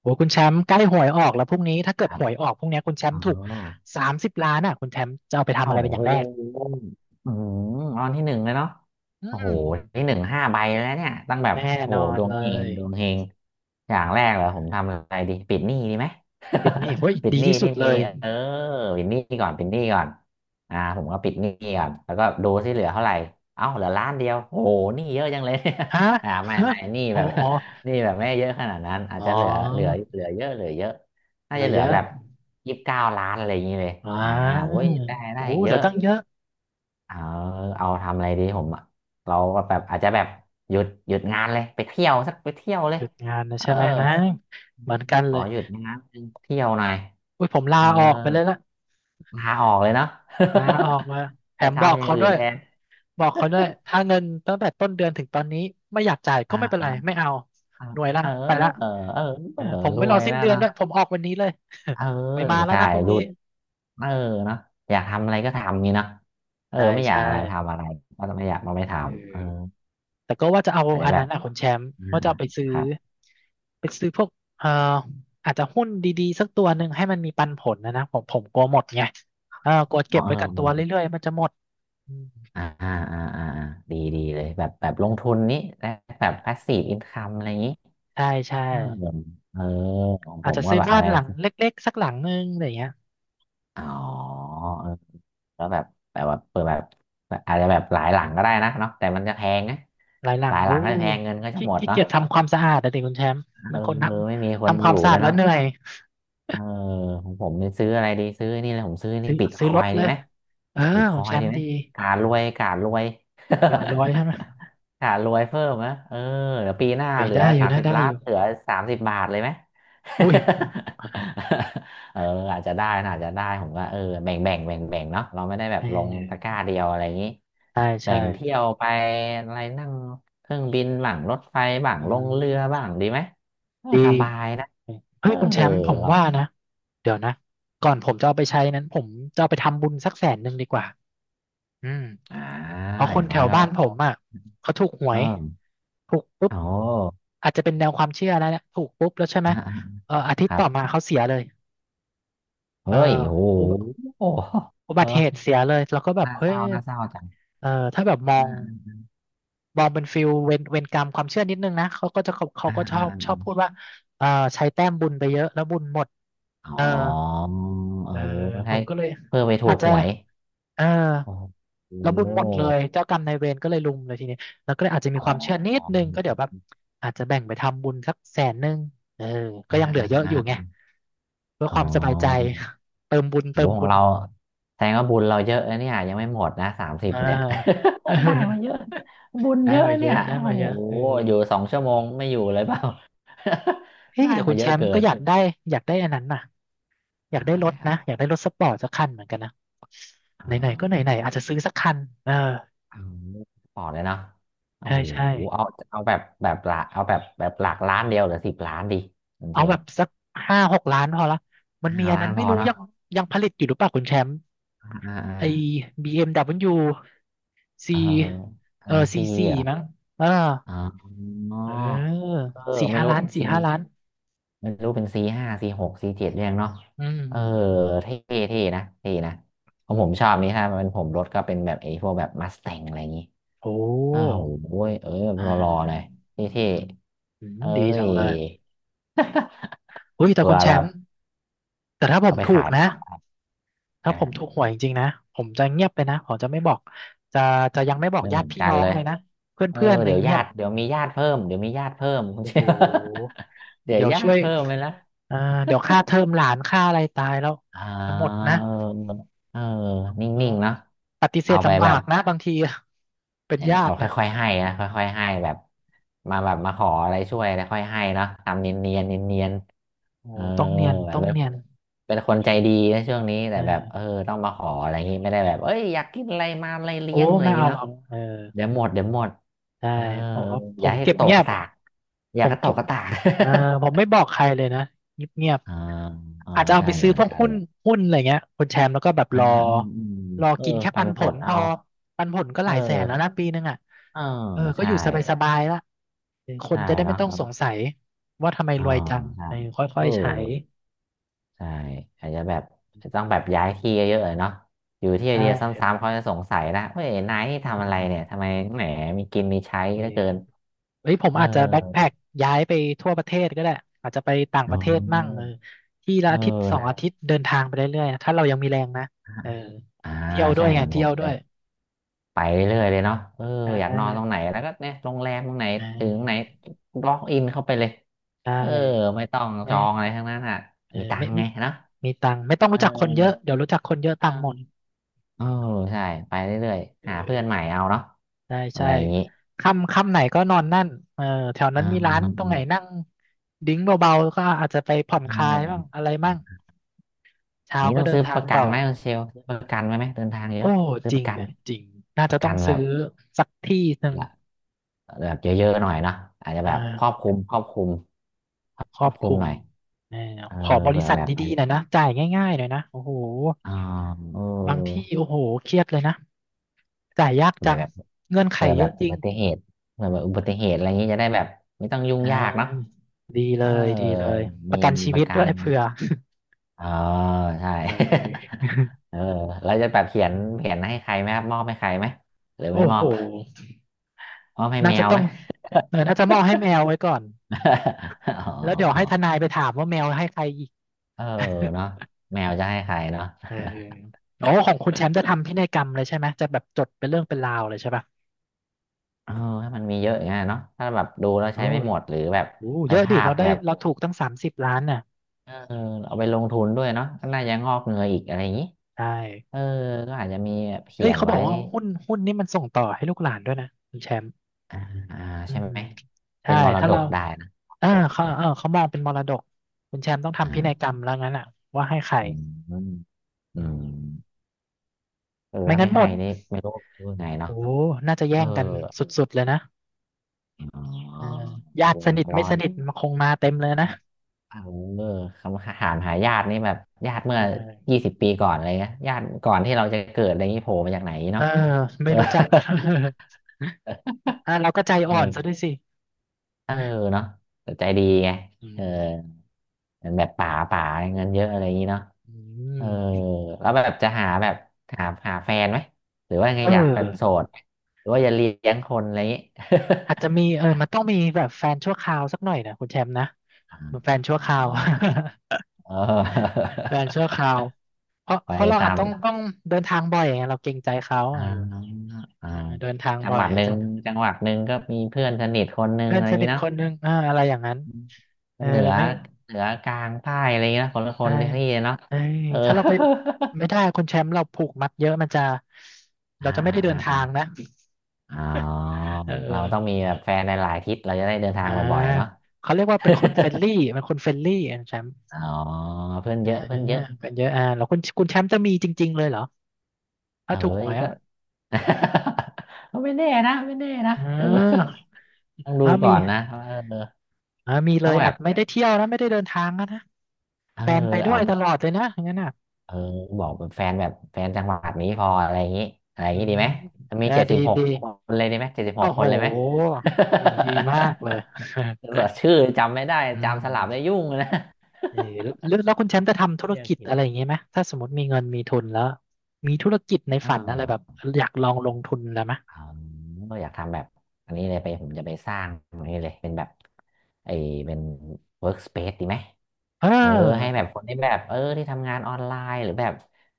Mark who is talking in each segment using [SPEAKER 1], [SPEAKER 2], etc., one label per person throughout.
[SPEAKER 1] โอ้คุณแชมป์ใกล้หวยออกแล้วพรุ่งนี้ถ้าเกิ
[SPEAKER 2] ค
[SPEAKER 1] ด
[SPEAKER 2] รั
[SPEAKER 1] ห
[SPEAKER 2] บ
[SPEAKER 1] วยออกพรุ่งเนี้ยคุณแชม
[SPEAKER 2] อ๋อ
[SPEAKER 1] ป์ถูก30,000,000อ่ะคุณแชมป์จะเอาไปทำ
[SPEAKER 2] โอ้
[SPEAKER 1] อะไรเป็นอ
[SPEAKER 2] โ
[SPEAKER 1] ย่างแรก
[SPEAKER 2] หอืมรางวัลที่หนึ่งเลยเนาะ
[SPEAKER 1] อื
[SPEAKER 2] โอ้โห
[SPEAKER 1] ม
[SPEAKER 2] ที่หนึ่งห้าใบแล้วเนี่ย ตั้งแบบ
[SPEAKER 1] แน่
[SPEAKER 2] โอ้
[SPEAKER 1] นอ
[SPEAKER 2] โห
[SPEAKER 1] น
[SPEAKER 2] ดวง
[SPEAKER 1] เล
[SPEAKER 2] เฮง
[SPEAKER 1] ย
[SPEAKER 2] ดวงเฮง อย่างแรกเหรอผมทำอะไรดีปิดหนี้ดีไหม
[SPEAKER 1] ปิดหนี่เฮ้ย
[SPEAKER 2] ปิด
[SPEAKER 1] ดี
[SPEAKER 2] หนี้
[SPEAKER 1] ที่สุ
[SPEAKER 2] ที่
[SPEAKER 1] ดเล
[SPEAKER 2] มี
[SPEAKER 1] ย
[SPEAKER 2] เออปิดหนี้ก่อนปิดหนี้ก่อนอ่าผมก็ปิดหนี้ก่อนแล้วก็ดูที่เหลือเท่าไหร่เอ้าเหลือล้านเดียวโอ้โหหนี้เยอะจังเลย
[SPEAKER 1] ฮะ
[SPEAKER 2] อ่าไม่
[SPEAKER 1] ฮะ
[SPEAKER 2] ไม่หนี้
[SPEAKER 1] โอ้
[SPEAKER 2] แบบ
[SPEAKER 1] อ๋อ
[SPEAKER 2] หนี้แบบไม่เยอะขนาดนั้นอาจ
[SPEAKER 1] อ๋
[SPEAKER 2] จะเหลือเหลือ
[SPEAKER 1] อ
[SPEAKER 2] เหลือเยอะเหลือเยอะน่า
[SPEAKER 1] เหลื
[SPEAKER 2] จะ
[SPEAKER 1] อ
[SPEAKER 2] เหลื
[SPEAKER 1] เย
[SPEAKER 2] อ
[SPEAKER 1] อะ
[SPEAKER 2] แบบ29 ล้านอะไรอย่างนี้เลย
[SPEAKER 1] อ่
[SPEAKER 2] อ่าโอ้ย
[SPEAKER 1] า
[SPEAKER 2] ได้ได้
[SPEAKER 1] โอ้โห
[SPEAKER 2] อีก
[SPEAKER 1] เห
[SPEAKER 2] เย
[SPEAKER 1] ลือ
[SPEAKER 2] อะ
[SPEAKER 1] ตั้งเยอะ
[SPEAKER 2] เออเอาทำอะไรดีผมอะเราก็แบบอาจจะแบบหยุดงานเลยไปเที่ยวเล
[SPEAKER 1] ห
[SPEAKER 2] ย
[SPEAKER 1] ยุดงานนะ
[SPEAKER 2] เออ
[SPEAKER 1] ใช่ไหมนะเหมือนกัน
[SPEAKER 2] ข
[SPEAKER 1] เล
[SPEAKER 2] อ
[SPEAKER 1] ย
[SPEAKER 2] หยุดนะเที่ยวหน่อย
[SPEAKER 1] อุ้ยผมลา
[SPEAKER 2] เออ
[SPEAKER 1] ออกไปเลยละ
[SPEAKER 2] ลาออกเลยเนาะ
[SPEAKER 1] ลาออกมาแถ
[SPEAKER 2] ไป
[SPEAKER 1] มบอก
[SPEAKER 2] ทำอย่าง
[SPEAKER 1] เขา
[SPEAKER 2] อื่
[SPEAKER 1] ด้
[SPEAKER 2] น
[SPEAKER 1] วย
[SPEAKER 2] แทน
[SPEAKER 1] บอกเขาด้วย ถ้าเงินตั้งแต่ต้นเดือนถึงตอนนี้ไม่อยากจ่ายก็ไม่เป็นไร
[SPEAKER 2] อ่า
[SPEAKER 1] ไม่เอา
[SPEAKER 2] อ่า
[SPEAKER 1] หน่วยละ
[SPEAKER 2] เออ
[SPEAKER 1] ไปละ
[SPEAKER 2] เออเออ
[SPEAKER 1] เอ
[SPEAKER 2] เอ
[SPEAKER 1] อ
[SPEAKER 2] อ
[SPEAKER 1] ผม
[SPEAKER 2] ร
[SPEAKER 1] ไม่
[SPEAKER 2] ว
[SPEAKER 1] รอ
[SPEAKER 2] ย
[SPEAKER 1] สิ้น
[SPEAKER 2] แล้ว
[SPEAKER 1] เดือน
[SPEAKER 2] เนาะ
[SPEAKER 1] ด้วยผมออกวันนี้เลย
[SPEAKER 2] เออ
[SPEAKER 1] ไม่มาแล้ว
[SPEAKER 2] ใช่
[SPEAKER 1] นะพรุ่ง
[SPEAKER 2] หยุ
[SPEAKER 1] นี้
[SPEAKER 2] ดเออเนาะอยากทำอะไรก็ทำงี้เนาะเออ
[SPEAKER 1] ใช่
[SPEAKER 2] ไม่อยาก
[SPEAKER 1] ใช่
[SPEAKER 2] อะไรทำอะไรก็จะไม่อยากก็ไม่
[SPEAKER 1] เอ
[SPEAKER 2] ทำเออ
[SPEAKER 1] อแต่ก็ว่าจะเอา
[SPEAKER 2] อาจจะ
[SPEAKER 1] อัน
[SPEAKER 2] แบ
[SPEAKER 1] นั้
[SPEAKER 2] บ
[SPEAKER 1] นอ่ะคุณแชมป์
[SPEAKER 2] อ่
[SPEAKER 1] ว่าจะ
[SPEAKER 2] า
[SPEAKER 1] เอาไปซื้
[SPEAKER 2] ค
[SPEAKER 1] อ
[SPEAKER 2] รับ
[SPEAKER 1] ไปซื้อพวกเอ่ออาจจะหุ้นดีๆสักตัวหนึ่งให้มันมีปันผลนะนะผมกลัวหมดไงเออกด
[SPEAKER 2] เอ
[SPEAKER 1] เก็
[SPEAKER 2] อ
[SPEAKER 1] บไว้กับ
[SPEAKER 2] อื
[SPEAKER 1] ตัว
[SPEAKER 2] ม
[SPEAKER 1] เรื่อยๆมันจะหมดอืม
[SPEAKER 2] ่าอ่าอ่าอ่าอ่าดีดีเลยแบบแบบลงทุนนี้แบบ passive income อะไรอย่างนี้
[SPEAKER 1] ใช่ใช่
[SPEAKER 2] เออเออของผ
[SPEAKER 1] อาจ
[SPEAKER 2] ม
[SPEAKER 1] จะ
[SPEAKER 2] ก็
[SPEAKER 1] ซื้อ
[SPEAKER 2] แบบ
[SPEAKER 1] บ้า
[SPEAKER 2] อะ
[SPEAKER 1] น
[SPEAKER 2] ไร
[SPEAKER 1] หลังเล็กๆสักหลังหนึงอะไรอย่างเงี้ย
[SPEAKER 2] อ๋อเออแล้วแบบแต่ว่าเปิดแบบแบบอาจจะแบบหลายหลังก็ได้นะเนาะแต่มันจะแพงนะ
[SPEAKER 1] หลายหลั
[SPEAKER 2] ห
[SPEAKER 1] ง
[SPEAKER 2] ลายห
[SPEAKER 1] โอ้
[SPEAKER 2] ลังก็จะแพงเงินก็จะ
[SPEAKER 1] ขี้
[SPEAKER 2] หมด
[SPEAKER 1] ขี้
[SPEAKER 2] เนาะ
[SPEAKER 1] เกียจทำความสะอาดนะเด็กคุณแชมป์
[SPEAKER 2] เอ
[SPEAKER 1] เป็
[SPEAKER 2] อ
[SPEAKER 1] นคนท
[SPEAKER 2] ไม่มี
[SPEAKER 1] ำ
[SPEAKER 2] คน
[SPEAKER 1] ทำค
[SPEAKER 2] อ
[SPEAKER 1] วาม
[SPEAKER 2] ยู่
[SPEAKER 1] สะอา
[SPEAKER 2] ด้ว
[SPEAKER 1] ด
[SPEAKER 2] ย
[SPEAKER 1] แล้ว
[SPEAKER 2] เนาะ
[SPEAKER 1] เหนื่อย
[SPEAKER 2] เออของผมเนี่ยซื้ออะไรดีซื้อนี่เลยผมซื้อนี่
[SPEAKER 1] ซื้อ
[SPEAKER 2] บิตค
[SPEAKER 1] ซื้อ
[SPEAKER 2] อ
[SPEAKER 1] รถ
[SPEAKER 2] ย
[SPEAKER 1] เล
[SPEAKER 2] ดี
[SPEAKER 1] ย
[SPEAKER 2] ไหม
[SPEAKER 1] เออ
[SPEAKER 2] บิตค
[SPEAKER 1] คุ
[SPEAKER 2] อ
[SPEAKER 1] ณแช
[SPEAKER 2] ย
[SPEAKER 1] ม
[SPEAKER 2] ดี
[SPEAKER 1] ป์
[SPEAKER 2] ไหม
[SPEAKER 1] ดี
[SPEAKER 2] การรวยการรวย
[SPEAKER 1] 300ใช่ไหม
[SPEAKER 2] การรวยเพิ่มนะเออเดี๋ยวปีหน้า
[SPEAKER 1] เอ้ย
[SPEAKER 2] เหลือ
[SPEAKER 1] ได้อ
[SPEAKER 2] สา
[SPEAKER 1] ยู่
[SPEAKER 2] ม
[SPEAKER 1] นะ
[SPEAKER 2] สิบ
[SPEAKER 1] ได้
[SPEAKER 2] ล้า
[SPEAKER 1] อ
[SPEAKER 2] น
[SPEAKER 1] ยู่
[SPEAKER 2] เหลือ30 บาทเลยไหม
[SPEAKER 1] อุ้ย
[SPEAKER 2] เอออาจจะได้นะอาจจะได้ผมก็เออแบ่งเนาะเราไม่ได้แบบ
[SPEAKER 1] เอ
[SPEAKER 2] ลงตะก
[SPEAKER 1] อ
[SPEAKER 2] ร้าเดียวอะไรอย่างนี้
[SPEAKER 1] ใช่
[SPEAKER 2] แบ่
[SPEAKER 1] ใช่
[SPEAKER 2] งเที่ยวไปอะไรนั่งเครื่องบินบ้างรถไฟบ้าง
[SPEAKER 1] อื
[SPEAKER 2] ลงเรือบ้า
[SPEAKER 1] ม
[SPEAKER 2] งดีไหมเออ
[SPEAKER 1] ดี
[SPEAKER 2] สบายนะเอ
[SPEAKER 1] เฮ้
[SPEAKER 2] อ
[SPEAKER 1] ยคุณแชมป์ผมว่านะเดี๋ยวนะก่อนผมจะเอาไปใช้นั้นผมจะเอาไปทำบุญสักแสนหนึ่งดีกว่าอืม
[SPEAKER 2] อ่า
[SPEAKER 1] เพราะค
[SPEAKER 2] อย่า
[SPEAKER 1] น
[SPEAKER 2] ง
[SPEAKER 1] แถ
[SPEAKER 2] น้อย
[SPEAKER 1] ว
[SPEAKER 2] ก็
[SPEAKER 1] บ้านผมอ่ะเขาถูกหว
[SPEAKER 2] เอ
[SPEAKER 1] ย
[SPEAKER 2] อ
[SPEAKER 1] ถูกปุ๊บ
[SPEAKER 2] โอ้
[SPEAKER 1] อาจจะเป็นแนวความเชื่อแล้วเนี่ยถูกปุ๊บแล้วใช่ไหม
[SPEAKER 2] อ่าอ่า
[SPEAKER 1] เอออาทิ
[SPEAKER 2] ค
[SPEAKER 1] ตย์
[SPEAKER 2] รั
[SPEAKER 1] ต่
[SPEAKER 2] บ
[SPEAKER 1] อมาเขาเสียเลยเอ
[SPEAKER 2] เฮ้
[SPEAKER 1] อ
[SPEAKER 2] ยโอ้โห
[SPEAKER 1] อุบ
[SPEAKER 2] โอ้โห
[SPEAKER 1] อุ
[SPEAKER 2] เอ
[SPEAKER 1] บั
[SPEAKER 2] อ
[SPEAKER 1] ติเหตุเสียเลยแล้วก็แบบ
[SPEAKER 2] น่า
[SPEAKER 1] เฮ้
[SPEAKER 2] เศ
[SPEAKER 1] ย
[SPEAKER 2] ร้าน่าเศร้าจัง
[SPEAKER 1] เออถ้าแบบมอ
[SPEAKER 2] อ่
[SPEAKER 1] ง
[SPEAKER 2] า
[SPEAKER 1] บอมเป็นฟิลเวรกรรมความเชื่อนิดนึงนะเขาก็จะเขาเขา
[SPEAKER 2] อ่า
[SPEAKER 1] ก็ช
[SPEAKER 2] อ่า
[SPEAKER 1] อบชอ
[SPEAKER 2] อา
[SPEAKER 1] บพูดว่าเออใช้แต้มบุญไปเยอะแล้วบุญหมด
[SPEAKER 2] อ๋
[SPEAKER 1] เออ
[SPEAKER 2] อเอ
[SPEAKER 1] เอ
[SPEAKER 2] อ
[SPEAKER 1] อผ
[SPEAKER 2] ให้
[SPEAKER 1] มก็เลย
[SPEAKER 2] เพื่อไปถู
[SPEAKER 1] อาจ
[SPEAKER 2] ก
[SPEAKER 1] จะ
[SPEAKER 2] หวย
[SPEAKER 1] เออ
[SPEAKER 2] โอ้โ
[SPEAKER 1] แล้วบุญหมดเล
[SPEAKER 2] ห
[SPEAKER 1] ยเจ้ากรรมนายเวรก็เลยลุมเลยทีนี้แล้วก็เลยอาจจะมี
[SPEAKER 2] อ๋อ
[SPEAKER 1] ความเชื่อนิ
[SPEAKER 2] อ
[SPEAKER 1] ดนึ
[SPEAKER 2] อ
[SPEAKER 1] งก็เดี๋ยวแบบอาจจะแบ่งไปทำบุญสักแสนนึงเออก็
[SPEAKER 2] อ่า
[SPEAKER 1] ยังเหลือ
[SPEAKER 2] อ่า
[SPEAKER 1] เยอะอ
[SPEAKER 2] อ่า
[SPEAKER 1] ยู่ไงเพื่อ
[SPEAKER 2] อ๋
[SPEAKER 1] ค
[SPEAKER 2] อ
[SPEAKER 1] วามสบายใจ เติมบุญ
[SPEAKER 2] โห
[SPEAKER 1] เติม
[SPEAKER 2] ขอ
[SPEAKER 1] บุ
[SPEAKER 2] ง
[SPEAKER 1] ญ
[SPEAKER 2] เราแสดงว่าบุญเราเยอะนะเนี่ยยังไม่หมดนะสามสิบ
[SPEAKER 1] อ่า
[SPEAKER 2] เนี่ย
[SPEAKER 1] เออ
[SPEAKER 2] ได้มาเยอะบุ ญ
[SPEAKER 1] ได้
[SPEAKER 2] เยอะ
[SPEAKER 1] มาเย
[SPEAKER 2] เนี่ย
[SPEAKER 1] อะได้
[SPEAKER 2] โอ้
[SPEAKER 1] มาเย
[SPEAKER 2] โห
[SPEAKER 1] อะเออ
[SPEAKER 2] อยู่2 ชั่วโมงไม่อยู่
[SPEAKER 1] อืม
[SPEAKER 2] เลยเปล่า
[SPEAKER 1] เฮ้ย
[SPEAKER 2] ได้
[SPEAKER 1] แต่คุ
[SPEAKER 2] มา
[SPEAKER 1] ณ
[SPEAKER 2] เย
[SPEAKER 1] แช
[SPEAKER 2] อะ
[SPEAKER 1] มป์
[SPEAKER 2] เกิ
[SPEAKER 1] ก็
[SPEAKER 2] น
[SPEAKER 1] อยากได้อยากได้อันนั้นน่ะอยากได้
[SPEAKER 2] อ่า
[SPEAKER 1] รถ
[SPEAKER 2] นะครั
[SPEAKER 1] นะ
[SPEAKER 2] บ
[SPEAKER 1] อยากได้รถสปอร์ตสักคันเหมือนกันนะไหนๆก็ไห
[SPEAKER 2] ออ
[SPEAKER 1] นๆอาจจะซื้อสักคันเออ
[SPEAKER 2] เอาปอดเลยเนาะโอ้
[SPEAKER 1] ใช่
[SPEAKER 2] โห
[SPEAKER 1] ใช่
[SPEAKER 2] เอาเอาแบบแบบหลักเอาแบบแบบหลักล้านเดียวหรือสิบล้านดีคุณ
[SPEAKER 1] เอา
[SPEAKER 2] เช
[SPEAKER 1] แบ
[SPEAKER 2] ล
[SPEAKER 1] บสัก5-6 ล้านพอละมันมี
[SPEAKER 2] อ่า
[SPEAKER 1] อัน
[SPEAKER 2] ล้า
[SPEAKER 1] นั้
[SPEAKER 2] น
[SPEAKER 1] น
[SPEAKER 2] พ
[SPEAKER 1] ไม่
[SPEAKER 2] อ
[SPEAKER 1] รู้
[SPEAKER 2] เนาะ
[SPEAKER 1] ยังยังผลิตอยู่หรือเปล่าคุณแชมป์
[SPEAKER 2] อ่า
[SPEAKER 1] ไอ้ BMW C
[SPEAKER 2] อ่าอ่าเอออะ
[SPEAKER 1] เออ
[SPEAKER 2] ไร
[SPEAKER 1] C
[SPEAKER 2] ซี
[SPEAKER 1] สี่
[SPEAKER 2] เหรอ
[SPEAKER 1] มั้งเออ
[SPEAKER 2] อ๋อ
[SPEAKER 1] เออ
[SPEAKER 2] เออ
[SPEAKER 1] สี่
[SPEAKER 2] ไม่
[SPEAKER 1] ห้า
[SPEAKER 2] รู้
[SPEAKER 1] ล้าน
[SPEAKER 2] เป็น
[SPEAKER 1] สี่
[SPEAKER 2] ซี
[SPEAKER 1] ห้าล้าน
[SPEAKER 2] ไม่รู้เป็น C5 C6 C7เรียงเนาะ
[SPEAKER 1] อื
[SPEAKER 2] เออ
[SPEAKER 1] ม
[SPEAKER 2] เท่เท่นะเท่นะของผมชอบนี้ครับมันผมรถก็เป็นแบบไอ้พวกแบบมัสแตงอะไรอย่างนี้
[SPEAKER 1] โอ้
[SPEAKER 2] อ้าวโอ้ยเออ
[SPEAKER 1] อ่
[SPEAKER 2] รอรอหน่อย
[SPEAKER 1] า
[SPEAKER 2] เท่เท่
[SPEAKER 1] อืม
[SPEAKER 2] เอ้
[SPEAKER 1] ดีจั
[SPEAKER 2] ย
[SPEAKER 1] งเลย อุ้ยแต่
[SPEAKER 2] ตั
[SPEAKER 1] คุ
[SPEAKER 2] ว
[SPEAKER 1] ณแช
[SPEAKER 2] แล้
[SPEAKER 1] ม
[SPEAKER 2] ว
[SPEAKER 1] ป์แต่ถ้าผ
[SPEAKER 2] เอา
[SPEAKER 1] ม
[SPEAKER 2] ไป
[SPEAKER 1] ถู
[SPEAKER 2] ขา
[SPEAKER 1] ก
[SPEAKER 2] ย
[SPEAKER 1] นะ ถ้าผมถูก
[SPEAKER 2] อ่า
[SPEAKER 1] หวยจริงๆนะผมจะเงียบไปนะผมจะไม่บอกจะจะยังไม่บอก
[SPEAKER 2] ไม่เห
[SPEAKER 1] ญา
[SPEAKER 2] มื
[SPEAKER 1] ติ
[SPEAKER 2] อน
[SPEAKER 1] พี่
[SPEAKER 2] กัน
[SPEAKER 1] น้อง
[SPEAKER 2] เลย
[SPEAKER 1] เลยนะเพ
[SPEAKER 2] เออ
[SPEAKER 1] ื่อนๆอะไร
[SPEAKER 2] เดี๋ยว
[SPEAKER 1] เงี
[SPEAKER 2] ญา
[SPEAKER 1] ยบ
[SPEAKER 2] ติเดี๋ยวมีญาติเพิ่มเดี๋ยวมีญาติเพิ่ม คุณ
[SPEAKER 1] โอ้โห
[SPEAKER 2] เชื่อ เดี๋ยว
[SPEAKER 1] เดี๋ยว
[SPEAKER 2] ญา
[SPEAKER 1] ช่ว
[SPEAKER 2] ติ
[SPEAKER 1] ย
[SPEAKER 2] เพิ่มไปละ
[SPEAKER 1] เอ่อเดี๋ยวค่าเทอมหลานค่าอะไรตายแล้ว
[SPEAKER 2] อ่า
[SPEAKER 1] จะหมดนะ
[SPEAKER 2] เออเออน
[SPEAKER 1] เออ
[SPEAKER 2] ิ่งๆเนาะ
[SPEAKER 1] ปฏิเส
[SPEAKER 2] เอา
[SPEAKER 1] ธ
[SPEAKER 2] ไป
[SPEAKER 1] ลำบา
[SPEAKER 2] แบบ
[SPEAKER 1] กนะบางที เป็น
[SPEAKER 2] ยัง
[SPEAKER 1] ญา
[SPEAKER 2] เอา
[SPEAKER 1] ติเนี่ย
[SPEAKER 2] ค่อยๆให้นะค่อยๆให้แบบมาแบบมาขออะไรช่วยแล้วค่อยให้เนาะทำเนียนเนียนเนียนเนียน
[SPEAKER 1] โอ้
[SPEAKER 2] ๆเออ
[SPEAKER 1] ต้องเนียน
[SPEAKER 2] แบบ
[SPEAKER 1] ต้อง
[SPEAKER 2] เป็น
[SPEAKER 1] เนียน
[SPEAKER 2] เป็นคนใจดีนะช่วงนี้
[SPEAKER 1] เอ
[SPEAKER 2] แต่แบบเออ
[SPEAKER 1] อ
[SPEAKER 2] ต้องมาขออะไรอย่างงี้ไม่ได้แบบเอ้ยอยากกินอะไรมาอะไร
[SPEAKER 1] โอ้
[SPEAKER 2] เลี้ยงอะไรอ
[SPEAKER 1] ไม่
[SPEAKER 2] ย่างงี้
[SPEAKER 1] เอาหร
[SPEAKER 2] เนาะ
[SPEAKER 1] อกเออ
[SPEAKER 2] เดี๋ยวหมดเดี๋ยวหมด
[SPEAKER 1] ได้
[SPEAKER 2] เออ
[SPEAKER 1] ผม
[SPEAKER 2] เออ
[SPEAKER 1] ก็ผ
[SPEAKER 2] อย่า
[SPEAKER 1] ม
[SPEAKER 2] ให้
[SPEAKER 1] เก็บ
[SPEAKER 2] ตก
[SPEAKER 1] เงีย
[SPEAKER 2] ก
[SPEAKER 1] บ
[SPEAKER 2] ระตากอ
[SPEAKER 1] ผ
[SPEAKER 2] ย่าก
[SPEAKER 1] ม
[SPEAKER 2] ระต
[SPEAKER 1] เก็
[SPEAKER 2] ก
[SPEAKER 1] บ
[SPEAKER 2] กระตาก
[SPEAKER 1] เออผมไม่บอกใครเลยนะเงียบ
[SPEAKER 2] อ่าเออ
[SPEAKER 1] ๆอาจจะเอา
[SPEAKER 2] ใช่
[SPEAKER 1] ไป
[SPEAKER 2] เห
[SPEAKER 1] ซื้
[SPEAKER 2] มื
[SPEAKER 1] อ
[SPEAKER 2] อน
[SPEAKER 1] พวก
[SPEAKER 2] กัน
[SPEAKER 1] หุ้น
[SPEAKER 2] เลย
[SPEAKER 1] หุ้นอะไรเงี้ยคุณแชมป์แล้วก็แบบ
[SPEAKER 2] อ่า
[SPEAKER 1] รอ
[SPEAKER 2] อืมอืม
[SPEAKER 1] รอ
[SPEAKER 2] เออ
[SPEAKER 1] กินแค่
[SPEAKER 2] ปั
[SPEAKER 1] ปั
[SPEAKER 2] น
[SPEAKER 1] นผ
[SPEAKER 2] ผล
[SPEAKER 1] ลพ
[SPEAKER 2] เอา
[SPEAKER 1] อปันผลก็
[SPEAKER 2] เอ
[SPEAKER 1] หลายแสนแล้ว
[SPEAKER 2] อ
[SPEAKER 1] นะปีนึงอ่ะ
[SPEAKER 2] เออ
[SPEAKER 1] เออก็อ
[SPEAKER 2] ใช่
[SPEAKER 1] ยู่สบายๆละคน
[SPEAKER 2] ใช่
[SPEAKER 1] จะได้ไม่
[SPEAKER 2] เนาะ
[SPEAKER 1] ต้องสงสัยว่าทำไม
[SPEAKER 2] เออ
[SPEAKER 1] รวยจัง
[SPEAKER 2] ใช่
[SPEAKER 1] เออค่
[SPEAKER 2] เอ
[SPEAKER 1] อ
[SPEAKER 2] อ
[SPEAKER 1] ยๆ ใช้
[SPEAKER 2] ใช่อาจจะแบบจะต้องแบบย้ายที่เยอะๆเลยเนาะอยู่ที่ไอ
[SPEAKER 1] อ่
[SPEAKER 2] เดียวซ
[SPEAKER 1] า
[SPEAKER 2] ้ำๆเขาจะสงสัยละเฮ้ยไอ้นายนี่
[SPEAKER 1] อื
[SPEAKER 2] ทำอะไรเนี่ยทำไมแหมมีกินมีใช้
[SPEAKER 1] ม
[SPEAKER 2] เหลือเกิน
[SPEAKER 1] เฮ้ยผม
[SPEAKER 2] เออ
[SPEAKER 1] อาจจะแบ็คแพ็คย้ายไปทั่วประเทศก็ได้อาจจะไปต่างป
[SPEAKER 2] อ๋อ
[SPEAKER 1] ระเทศมั่งเออที่ละ
[SPEAKER 2] เออ
[SPEAKER 1] อาทิตย์สองอา
[SPEAKER 2] นะ
[SPEAKER 1] ทิตย์เดินทางไปเรื่อยๆนะถ้าเรายังมีแรงนะเออ
[SPEAKER 2] อ่า
[SPEAKER 1] เที่ยวด้ว
[SPEAKER 2] ใช่
[SPEAKER 1] ย
[SPEAKER 2] เห
[SPEAKER 1] ไง
[SPEAKER 2] มือนผ
[SPEAKER 1] เที่ย
[SPEAKER 2] ม
[SPEAKER 1] ว
[SPEAKER 2] เล
[SPEAKER 1] ด้วย
[SPEAKER 2] ยไปเรื่อยๆเลยเนาะเออ
[SPEAKER 1] ใช่
[SPEAKER 2] อยากนอนตรงไหนแล้วก็เนี่ยโรงแรมตรงไหน
[SPEAKER 1] ใช่
[SPEAKER 2] ถึงไหนล็อกอินเข้าไปเลย
[SPEAKER 1] ใช่
[SPEAKER 2] เออไม่ต้องจ
[SPEAKER 1] ไม่
[SPEAKER 2] องอะไรทั้งนั้นอ่ะ
[SPEAKER 1] เออ
[SPEAKER 2] มีตั
[SPEAKER 1] ไม่
[SPEAKER 2] งค์
[SPEAKER 1] ไม
[SPEAKER 2] ไงเนาะ
[SPEAKER 1] มีตังค์ไม่ต้อง
[SPEAKER 2] เ
[SPEAKER 1] รู้จักคนเย
[SPEAKER 2] ออ
[SPEAKER 1] อะเดี๋ยวรู้จักคนเยอะตังค์หมด
[SPEAKER 2] เออเออใช่ไปเรื่อย
[SPEAKER 1] เอ
[SPEAKER 2] ๆหาเพื่อนให
[SPEAKER 1] อ
[SPEAKER 2] ม่เอาเนาะ
[SPEAKER 1] ใช่
[SPEAKER 2] อะ
[SPEAKER 1] ใช่
[SPEAKER 2] ไรอย่างนี้
[SPEAKER 1] ค่ำค่ำไหนก็นอนนั่นเออแถว
[SPEAKER 2] อ่
[SPEAKER 1] นั้นมีร้านตรงไหนนั่
[SPEAKER 2] า
[SPEAKER 1] งดิ้งเบาๆก็อาจจะไปผ่อน
[SPEAKER 2] เอ
[SPEAKER 1] คลายบ้าง
[SPEAKER 2] อ
[SPEAKER 1] อะไรบ้างเช้า
[SPEAKER 2] นี้
[SPEAKER 1] ก็
[SPEAKER 2] ต้อง
[SPEAKER 1] เดิ
[SPEAKER 2] ซื้
[SPEAKER 1] น
[SPEAKER 2] อ
[SPEAKER 1] ทา
[SPEAKER 2] ป
[SPEAKER 1] ง
[SPEAKER 2] ระกั
[SPEAKER 1] ต่
[SPEAKER 2] น
[SPEAKER 1] อ
[SPEAKER 2] ไหมคุณเชลซื้อประกันไหมไหมเดินทางเย
[SPEAKER 1] โอ้
[SPEAKER 2] อะซื้อ
[SPEAKER 1] จ
[SPEAKER 2] ป
[SPEAKER 1] ริง
[SPEAKER 2] ระกัน
[SPEAKER 1] เนี่
[SPEAKER 2] ไห
[SPEAKER 1] ย
[SPEAKER 2] ม
[SPEAKER 1] จริงน่า
[SPEAKER 2] ป
[SPEAKER 1] จะ
[SPEAKER 2] ระ
[SPEAKER 1] ต้
[SPEAKER 2] กั
[SPEAKER 1] อง
[SPEAKER 2] นแบ
[SPEAKER 1] ซื้
[SPEAKER 2] บ
[SPEAKER 1] อสักที่หนึ่ง
[SPEAKER 2] ละแบบเยอะๆหน่อยเนาะอาจจะ
[SPEAKER 1] อ่
[SPEAKER 2] แบบครอบ
[SPEAKER 1] า
[SPEAKER 2] คลุมครอบคลุม
[SPEAKER 1] คร
[SPEAKER 2] คร
[SPEAKER 1] อ
[SPEAKER 2] อ
[SPEAKER 1] บ
[SPEAKER 2] บค
[SPEAKER 1] ค
[SPEAKER 2] ลุม
[SPEAKER 1] ลุม
[SPEAKER 2] หน่อย
[SPEAKER 1] อ่า
[SPEAKER 2] เออ
[SPEAKER 1] ขอบริ
[SPEAKER 2] เผื่อ
[SPEAKER 1] ษัท
[SPEAKER 2] แบบไป
[SPEAKER 1] ดีๆหน่อยนะจ่ายง่ายๆหน่อยนะโอ้โห
[SPEAKER 2] อ่าเอ
[SPEAKER 1] บางที่
[SPEAKER 2] อ
[SPEAKER 1] โอ้โหเครียดเลยนะจ่ายยาก
[SPEAKER 2] ไป
[SPEAKER 1] จัง
[SPEAKER 2] แบบ
[SPEAKER 1] เงื่อนไข
[SPEAKER 2] เผื่อ
[SPEAKER 1] เย
[SPEAKER 2] แบ
[SPEAKER 1] อะ
[SPEAKER 2] บ
[SPEAKER 1] จ
[SPEAKER 2] อุ
[SPEAKER 1] ริง
[SPEAKER 2] บัติเหตุเผื่อแบบอุบัติเหตุอะไรอย่างนี้จะได้แบบไม่ต้องยุ่ง
[SPEAKER 1] อ่
[SPEAKER 2] ยากเนาะ
[SPEAKER 1] าดีเล
[SPEAKER 2] เออ
[SPEAKER 1] ยดีเลยป
[SPEAKER 2] มี
[SPEAKER 1] ระกัน
[SPEAKER 2] มี
[SPEAKER 1] ชี
[SPEAKER 2] ป
[SPEAKER 1] วิ
[SPEAKER 2] ระ
[SPEAKER 1] ต
[SPEAKER 2] กั
[SPEAKER 1] ด้วย
[SPEAKER 2] น
[SPEAKER 1] เผื่อ
[SPEAKER 2] เออใช่
[SPEAKER 1] เอย
[SPEAKER 2] เออแล้วจะแบบเขียนให้ใครไหมครับมอบให้ใครไหมหรือไม่
[SPEAKER 1] โอ้
[SPEAKER 2] ม
[SPEAKER 1] โห
[SPEAKER 2] อบ อ้อมให้
[SPEAKER 1] น่า
[SPEAKER 2] แม
[SPEAKER 1] จะ
[SPEAKER 2] ว
[SPEAKER 1] ต้
[SPEAKER 2] ไห
[SPEAKER 1] อ
[SPEAKER 2] ม
[SPEAKER 1] งเออน่าจะมอบให้แมวไว้ก่อน
[SPEAKER 2] อ๋อ
[SPEAKER 1] แล้วเดี๋ยวให้ทนายไปถามว่าแมวให้ใครอีก
[SPEAKER 2] เออเนาะแมวจะให้ใครเนาะ
[SPEAKER 1] เออโอ้ของคุณแชมป์จะทำพินัยกรรมเลยใช่ไหมจะแบบจดเป็นเรื่องเป็นราวเลยใช่ป่ะ
[SPEAKER 2] เออถ้ามันมีเยอะอย่างเงี้ยเนาะถ้าแบบดูแล้ว
[SPEAKER 1] โอ้
[SPEAKER 2] ใช้ไม่
[SPEAKER 1] ย
[SPEAKER 2] หมดหรือแบบ
[SPEAKER 1] โอ้
[SPEAKER 2] ไป
[SPEAKER 1] เยอะ
[SPEAKER 2] พ
[SPEAKER 1] ดิ
[SPEAKER 2] ลาด
[SPEAKER 1] เราได้
[SPEAKER 2] แบบ
[SPEAKER 1] เราถูกตั้ง30 ล้านน่ะ
[SPEAKER 2] เออเอาไปลงทุนด้วยเนาะก็น่าจะงอกเงยอีกอะไรอย่างนี้
[SPEAKER 1] ใช
[SPEAKER 2] เออ
[SPEAKER 1] ่
[SPEAKER 2] ก็อาจจะมีแบบเขี
[SPEAKER 1] เอ้
[SPEAKER 2] ย
[SPEAKER 1] ย
[SPEAKER 2] น
[SPEAKER 1] เขาบอ
[SPEAKER 2] ไว้
[SPEAKER 1] กว่าหุ้นนี่มันส่งต่อให้ลูกหลานด้วยนะคุณแชมป์
[SPEAKER 2] อ่าอ่า
[SPEAKER 1] อื
[SPEAKER 2] ใช่
[SPEAKER 1] ม
[SPEAKER 2] ไหมเป็
[SPEAKER 1] ใช่
[SPEAKER 2] นมร
[SPEAKER 1] ถ้า
[SPEAKER 2] ด
[SPEAKER 1] เรา
[SPEAKER 2] กได้นะมรดก
[SPEAKER 1] เขา
[SPEAKER 2] นะ
[SPEAKER 1] เออเขามองเป็นมรดกคุณแชมป์ต้องทำพิ
[SPEAKER 2] อ่า
[SPEAKER 1] นัยกรรมแล้วงั้นอ่ะว่าให้ใคร
[SPEAKER 2] อืม
[SPEAKER 1] อื
[SPEAKER 2] อืม
[SPEAKER 1] ม
[SPEAKER 2] เออ
[SPEAKER 1] ไม่
[SPEAKER 2] ถ้า
[SPEAKER 1] งั้
[SPEAKER 2] ไม่
[SPEAKER 1] นหม
[SPEAKER 2] ให้
[SPEAKER 1] ด
[SPEAKER 2] นี่ไม่รู้ไงเนาะ
[SPEAKER 1] โอ้น่าจะ
[SPEAKER 2] เอ
[SPEAKER 1] แย่
[SPEAKER 2] อ
[SPEAKER 1] งกันสุดๆเลยนะ
[SPEAKER 2] อ๋อ
[SPEAKER 1] เออ
[SPEAKER 2] เอ
[SPEAKER 1] ญาติ
[SPEAKER 2] อ
[SPEAKER 1] ส
[SPEAKER 2] มัน
[SPEAKER 1] นิท
[SPEAKER 2] ทะ
[SPEAKER 1] ไม่
[SPEAKER 2] เลาะ
[SPEAKER 1] ส
[SPEAKER 2] กัน
[SPEAKER 1] นิ
[SPEAKER 2] อี
[SPEAKER 1] ท
[SPEAKER 2] ก
[SPEAKER 1] มาคงมาเต็มเลยนะ
[SPEAKER 2] เออคำถามหาญาตินี่แบบญาติ
[SPEAKER 1] เ
[SPEAKER 2] เมื่อ
[SPEAKER 1] ออ
[SPEAKER 2] 20 ปีก่อนอะไรเงี้ยญาติก่อนที่เราจะเกิดอะไรงี้โผล่มาจากไหน
[SPEAKER 1] เออ
[SPEAKER 2] เนาะ
[SPEAKER 1] ไม่
[SPEAKER 2] เออ
[SPEAKER 1] รู้จัก อ่ะเราก็ ใจอ่อนซะด้วย
[SPEAKER 2] เออ
[SPEAKER 1] สิ
[SPEAKER 2] เออเนาะแต่ใจดีไง
[SPEAKER 1] อื
[SPEAKER 2] เออ
[SPEAKER 1] ม
[SPEAKER 2] เหมือนแบบป๋าป๋าเงินเยอะอะไรอย่างนี้เนาะ
[SPEAKER 1] อื
[SPEAKER 2] เออ
[SPEAKER 1] ม
[SPEAKER 2] แล้วแบบจะหาแบบหาแฟนไหมหรือว่าไง
[SPEAKER 1] เอ
[SPEAKER 2] อยากเป็นโส
[SPEAKER 1] อ
[SPEAKER 2] ดหหรือว่าจะเลี้ยงคนอะไรอย่างนี้
[SPEAKER 1] อาจจะมี เออมันต้องมีแบบแฟนชั่วคราวสักหน่อยนะคุณแชมป์นะมันแฟนชั่ว
[SPEAKER 2] อ๋
[SPEAKER 1] ค
[SPEAKER 2] อ
[SPEAKER 1] ราว
[SPEAKER 2] เออ
[SPEAKER 1] แฟนชั่วคราวเพราะ
[SPEAKER 2] ไป
[SPEAKER 1] เพราะเราอา
[SPEAKER 2] ตา
[SPEAKER 1] จ
[SPEAKER 2] ม
[SPEAKER 1] ต้องเดินทางบ่อยอย่างเงี้ยเราเกรงใจเขา
[SPEAKER 2] อ่
[SPEAKER 1] เออ
[SPEAKER 2] าอ่า
[SPEAKER 1] เออเดินทาง
[SPEAKER 2] จัง
[SPEAKER 1] บ่อ
[SPEAKER 2] ห
[SPEAKER 1] ย
[SPEAKER 2] วัด
[SPEAKER 1] อา
[SPEAKER 2] ห
[SPEAKER 1] จ
[SPEAKER 2] นึ่
[SPEAKER 1] จะ
[SPEAKER 2] งก็มีเพื่อนสนิทคนหนึ่ง
[SPEAKER 1] เพื่อน
[SPEAKER 2] อะไร
[SPEAKER 1] ส
[SPEAKER 2] อย่าง
[SPEAKER 1] นิ
[SPEAKER 2] นี้
[SPEAKER 1] ทค
[SPEAKER 2] เนาะ
[SPEAKER 1] นนึงอะไรอย่างนั้น
[SPEAKER 2] อืม
[SPEAKER 1] เอ
[SPEAKER 2] ก็
[SPEAKER 1] อ
[SPEAKER 2] เหนือ
[SPEAKER 1] ไม่
[SPEAKER 2] เหนือกลางใต้อะไรอย่างนี้นะคนละค
[SPEAKER 1] ไอ้
[SPEAKER 2] นที่เนาะ
[SPEAKER 1] ไอ้ย
[SPEAKER 2] เออ
[SPEAKER 1] ถ้าเราไปไม่ได้คุณแชมป์เราผูกมัดเยอะมันจะ
[SPEAKER 2] อ่า
[SPEAKER 1] เราจะไม่ได้เดิ
[SPEAKER 2] อ่า
[SPEAKER 1] น
[SPEAKER 2] อ่า
[SPEAKER 1] ทางนะ
[SPEAKER 2] อ๋อ
[SPEAKER 1] เ
[SPEAKER 2] เราต้อง
[SPEAKER 1] ออ
[SPEAKER 2] มีแบบแฟนในหลายๆทิศเราจะได้เดินทา
[SPEAKER 1] อ่า
[SPEAKER 2] งบ่อยๆเนาะ
[SPEAKER 1] เขาเรียกว่าเป็นคนเฟรนลี่เป็นคนเฟรนลี่อ่ะแชมป์
[SPEAKER 2] อ๋อเพื่อน
[SPEAKER 1] อ่า
[SPEAKER 2] เยอะ
[SPEAKER 1] เป็
[SPEAKER 2] เพื่อ
[SPEAKER 1] น
[SPEAKER 2] นเยอะ
[SPEAKER 1] เยอะอ่าแล้วคุณแชมป์จะมีจริงๆเลยเหรอถ้า
[SPEAKER 2] เอ้
[SPEAKER 1] ถูกห
[SPEAKER 2] ย
[SPEAKER 1] วย
[SPEAKER 2] ก็
[SPEAKER 1] อ่ะ
[SPEAKER 2] ก็ไม่แน่นะไม่แน่นะ
[SPEAKER 1] อ่
[SPEAKER 2] เออ
[SPEAKER 1] า
[SPEAKER 2] ต้องดู
[SPEAKER 1] ถ้ามี
[SPEAKER 2] ก่อนนะว่าเออ
[SPEAKER 1] อ่ามีเล
[SPEAKER 2] ต้อ
[SPEAKER 1] ย
[SPEAKER 2] งแบ
[SPEAKER 1] อาจ
[SPEAKER 2] บ
[SPEAKER 1] ไม่ได้เที่ยวนะไม่ได้เดินทางนะนะ
[SPEAKER 2] เออ
[SPEAKER 1] แฟนไปด้ว
[SPEAKER 2] เอา
[SPEAKER 1] ยตลอดเลยนะอย่างนั้นน่ะ
[SPEAKER 2] เออบอกแบบแฟนแบบแฟนจังหวัดนี้พออะไรอย่างนี้อะไรอย่า
[SPEAKER 1] อื
[SPEAKER 2] งนี้ดี
[SPEAKER 1] ม
[SPEAKER 2] ไหมถ้ามี
[SPEAKER 1] อ่า
[SPEAKER 2] เจ็ด
[SPEAKER 1] ดี
[SPEAKER 2] สิบหก
[SPEAKER 1] ดี
[SPEAKER 2] คนเลยดีไหมเจ็ดสิบห
[SPEAKER 1] โอ้
[SPEAKER 2] กค
[SPEAKER 1] โห
[SPEAKER 2] นเลยไหม
[SPEAKER 1] อืมดีมากเลย
[SPEAKER 2] แต่ ชื่อจำไม่ได้
[SPEAKER 1] อืม
[SPEAKER 2] จำสลับได้ยุ่งเลยนะ
[SPEAKER 1] เออแล้วคุณแชมป์จะทำธุร
[SPEAKER 2] เรียก
[SPEAKER 1] กิจ
[SPEAKER 2] ผิด
[SPEAKER 1] อะไรอย่างงี้ไหมถ้าสมมติมีเงินมีทุนแล้วมีธุรกิจใน
[SPEAKER 2] อ่า
[SPEAKER 1] ฝันอะไรแบบ
[SPEAKER 2] ว
[SPEAKER 1] อยากลองลงทุนแล้วไหม
[SPEAKER 2] อ๋ออยากทำแบบอันนี้เลยไปผมจะไปสร้างอันนี้เลยเป็นแบบไอ้เป็น workspace ดีไหม
[SPEAKER 1] เอ
[SPEAKER 2] เออให้
[SPEAKER 1] อ
[SPEAKER 2] แบบคนที่แบบเออที่ทำงานออนไลน์หรือแบบ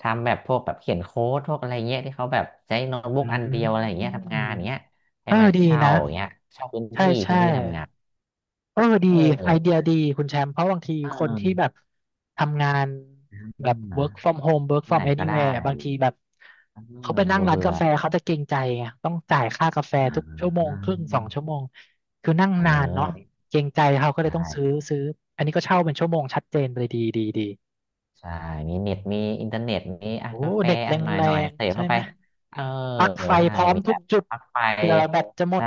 [SPEAKER 2] ทำแบบพวกแบบเขียนโค้ดพวกอะไรเงี้ยที่เขาแบบใช้โน้ตบุ๊
[SPEAKER 1] อื
[SPEAKER 2] กอันเดียวอะไรอย่างเงี้
[SPEAKER 1] ม
[SPEAKER 2] ยทำงานอย่างเงี้ยให้
[SPEAKER 1] เออ
[SPEAKER 2] มา
[SPEAKER 1] ดี
[SPEAKER 2] เช่า
[SPEAKER 1] นะ
[SPEAKER 2] อย่างเงี้ยเช่าพื้น
[SPEAKER 1] ใช่
[SPEAKER 2] ที่
[SPEAKER 1] ใช่
[SPEAKER 2] ทำงาน
[SPEAKER 1] เออดี
[SPEAKER 2] เอ
[SPEAKER 1] ไอเดีย
[SPEAKER 2] อ
[SPEAKER 1] ดีคุณแชมป์เพราะบางที
[SPEAKER 2] อ่
[SPEAKER 1] คนที่
[SPEAKER 2] า
[SPEAKER 1] แบบทำงานแบบ work from home work
[SPEAKER 2] ที่ไห
[SPEAKER 1] from
[SPEAKER 2] นก็ได้
[SPEAKER 1] anywhere บางทีแบบ
[SPEAKER 2] เออเบ
[SPEAKER 1] เขาไปนั่ง
[SPEAKER 2] ื่อ
[SPEAKER 1] ร้าน
[SPEAKER 2] เบื่อ
[SPEAKER 1] กาแฟเขาจะเกรงใจไงต้องจ่ายค่ากาแฟ
[SPEAKER 2] อ่
[SPEAKER 1] ทุก
[SPEAKER 2] า
[SPEAKER 1] ชั่วโมงครึ่ง2 ชั่วโมงคือนั่ง
[SPEAKER 2] เ
[SPEAKER 1] นานเนาะ
[SPEAKER 2] ออ
[SPEAKER 1] เกรงใจเขาก็
[SPEAKER 2] ไ
[SPEAKER 1] เลยต้องซื้อ
[SPEAKER 2] ด้
[SPEAKER 1] ซื้ออันนี้ก็เช่าเป็นชั่วโมงชัดเจนไปเลยดีดีดี
[SPEAKER 2] ใช่มีเน็ต มีอินเทอร์เน็ต มีอ่ะ
[SPEAKER 1] โอ้
[SPEAKER 2] กาแฟ
[SPEAKER 1] เน็ตแ
[SPEAKER 2] อ่ะหน่อย
[SPEAKER 1] รง
[SPEAKER 2] เส
[SPEAKER 1] ๆ
[SPEAKER 2] พ
[SPEAKER 1] ใช่
[SPEAKER 2] เข้าไป
[SPEAKER 1] ไหม
[SPEAKER 2] เออ
[SPEAKER 1] ปลั๊กไฟ
[SPEAKER 2] ใช่
[SPEAKER 1] พร้อม
[SPEAKER 2] มี
[SPEAKER 1] ทุ
[SPEAKER 2] แบ
[SPEAKER 1] ก
[SPEAKER 2] บ
[SPEAKER 1] จุด
[SPEAKER 2] พักไป
[SPEAKER 1] เผื่อแบตจะหมด
[SPEAKER 2] ใช่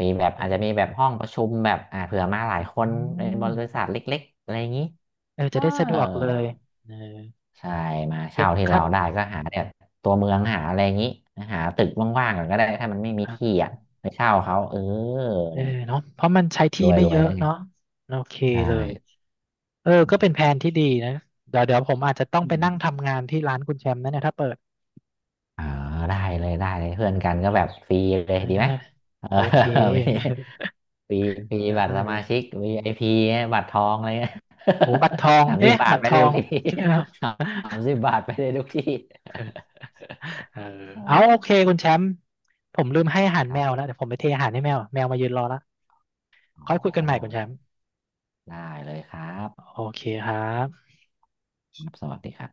[SPEAKER 2] มีแบบอาจจะมีแบบห้องประชุมแบบอ่าเผื่อมาหลายคน
[SPEAKER 1] อื
[SPEAKER 2] ในบริษัท
[SPEAKER 1] ม
[SPEAKER 2] เล็กๆอะไรอย่างนี้
[SPEAKER 1] เออ
[SPEAKER 2] เอ
[SPEAKER 1] จะได้สะด
[SPEAKER 2] อ
[SPEAKER 1] วกเลยเออ
[SPEAKER 2] ใช่มา
[SPEAKER 1] เก็
[SPEAKER 2] เช่า
[SPEAKER 1] บ
[SPEAKER 2] ที่
[SPEAKER 1] ครั
[SPEAKER 2] เราได้
[SPEAKER 1] เ
[SPEAKER 2] ก็หาแบบตัวเมืองหาอะไรอย่างนี้ หาตึกว่างๆก่อนก็ได้ถ้ามันไม่มี
[SPEAKER 1] อาอยนะ
[SPEAKER 2] ที่อ่ะ
[SPEAKER 1] อ่า
[SPEAKER 2] ไปเช่าเขาเออ
[SPEAKER 1] เออ
[SPEAKER 2] เนี่ย
[SPEAKER 1] เนาะเพราะมันใช้
[SPEAKER 2] ร
[SPEAKER 1] ที่
[SPEAKER 2] วยๆ
[SPEAKER 1] ไม่
[SPEAKER 2] แล้ว
[SPEAKER 1] เยอะ
[SPEAKER 2] ไง
[SPEAKER 1] เนาะโอเค
[SPEAKER 2] ใช่
[SPEAKER 1] เลยเออก็เป็นแผนที่ดีนะเดี๋ยวผมอาจจะต้องไปนั่งทำงานที่ร้านคุณแชมป์นะเนี่ยถ้าเปิด
[SPEAKER 2] อ๋อได้เลยได้เลยเพื่อนกันก็แบบฟรีเลย
[SPEAKER 1] ได้
[SPEAKER 2] ดี
[SPEAKER 1] ได้
[SPEAKER 2] ไหม เออ
[SPEAKER 1] โอเค
[SPEAKER 2] มีฟรี
[SPEAKER 1] ได้
[SPEAKER 2] บัตรส
[SPEAKER 1] เล
[SPEAKER 2] มาชิ
[SPEAKER 1] ย
[SPEAKER 2] ก VIP อพีบัตรทองอะไรเงี้ย
[SPEAKER 1] โหบัตรทอง
[SPEAKER 2] สามสิบ
[SPEAKER 1] เอ๊ะ
[SPEAKER 2] บาท
[SPEAKER 1] บัตร
[SPEAKER 2] ไป
[SPEAKER 1] ท
[SPEAKER 2] ได้
[SPEAKER 1] อ
[SPEAKER 2] ทุ
[SPEAKER 1] ง
[SPEAKER 2] กที่
[SPEAKER 1] ใช่ไหมครับ
[SPEAKER 2] สามสิบบาทไปได้ทุกที่
[SPEAKER 1] เออเอาโอเคคุณแชมป์ผมลืมให้อาหาร
[SPEAKER 2] ครั
[SPEAKER 1] แมวแล้ว
[SPEAKER 2] บ
[SPEAKER 1] เดี๋ยวผมไปเทอาหารให้แมวแมวมายืนรอละ
[SPEAKER 2] อ๋
[SPEAKER 1] ค่อ
[SPEAKER 2] อ
[SPEAKER 1] ยคุยกันใหม่คุณแชมป์
[SPEAKER 2] ได้เลยครับ
[SPEAKER 1] โอเคครับ
[SPEAKER 2] สวัสดีครับ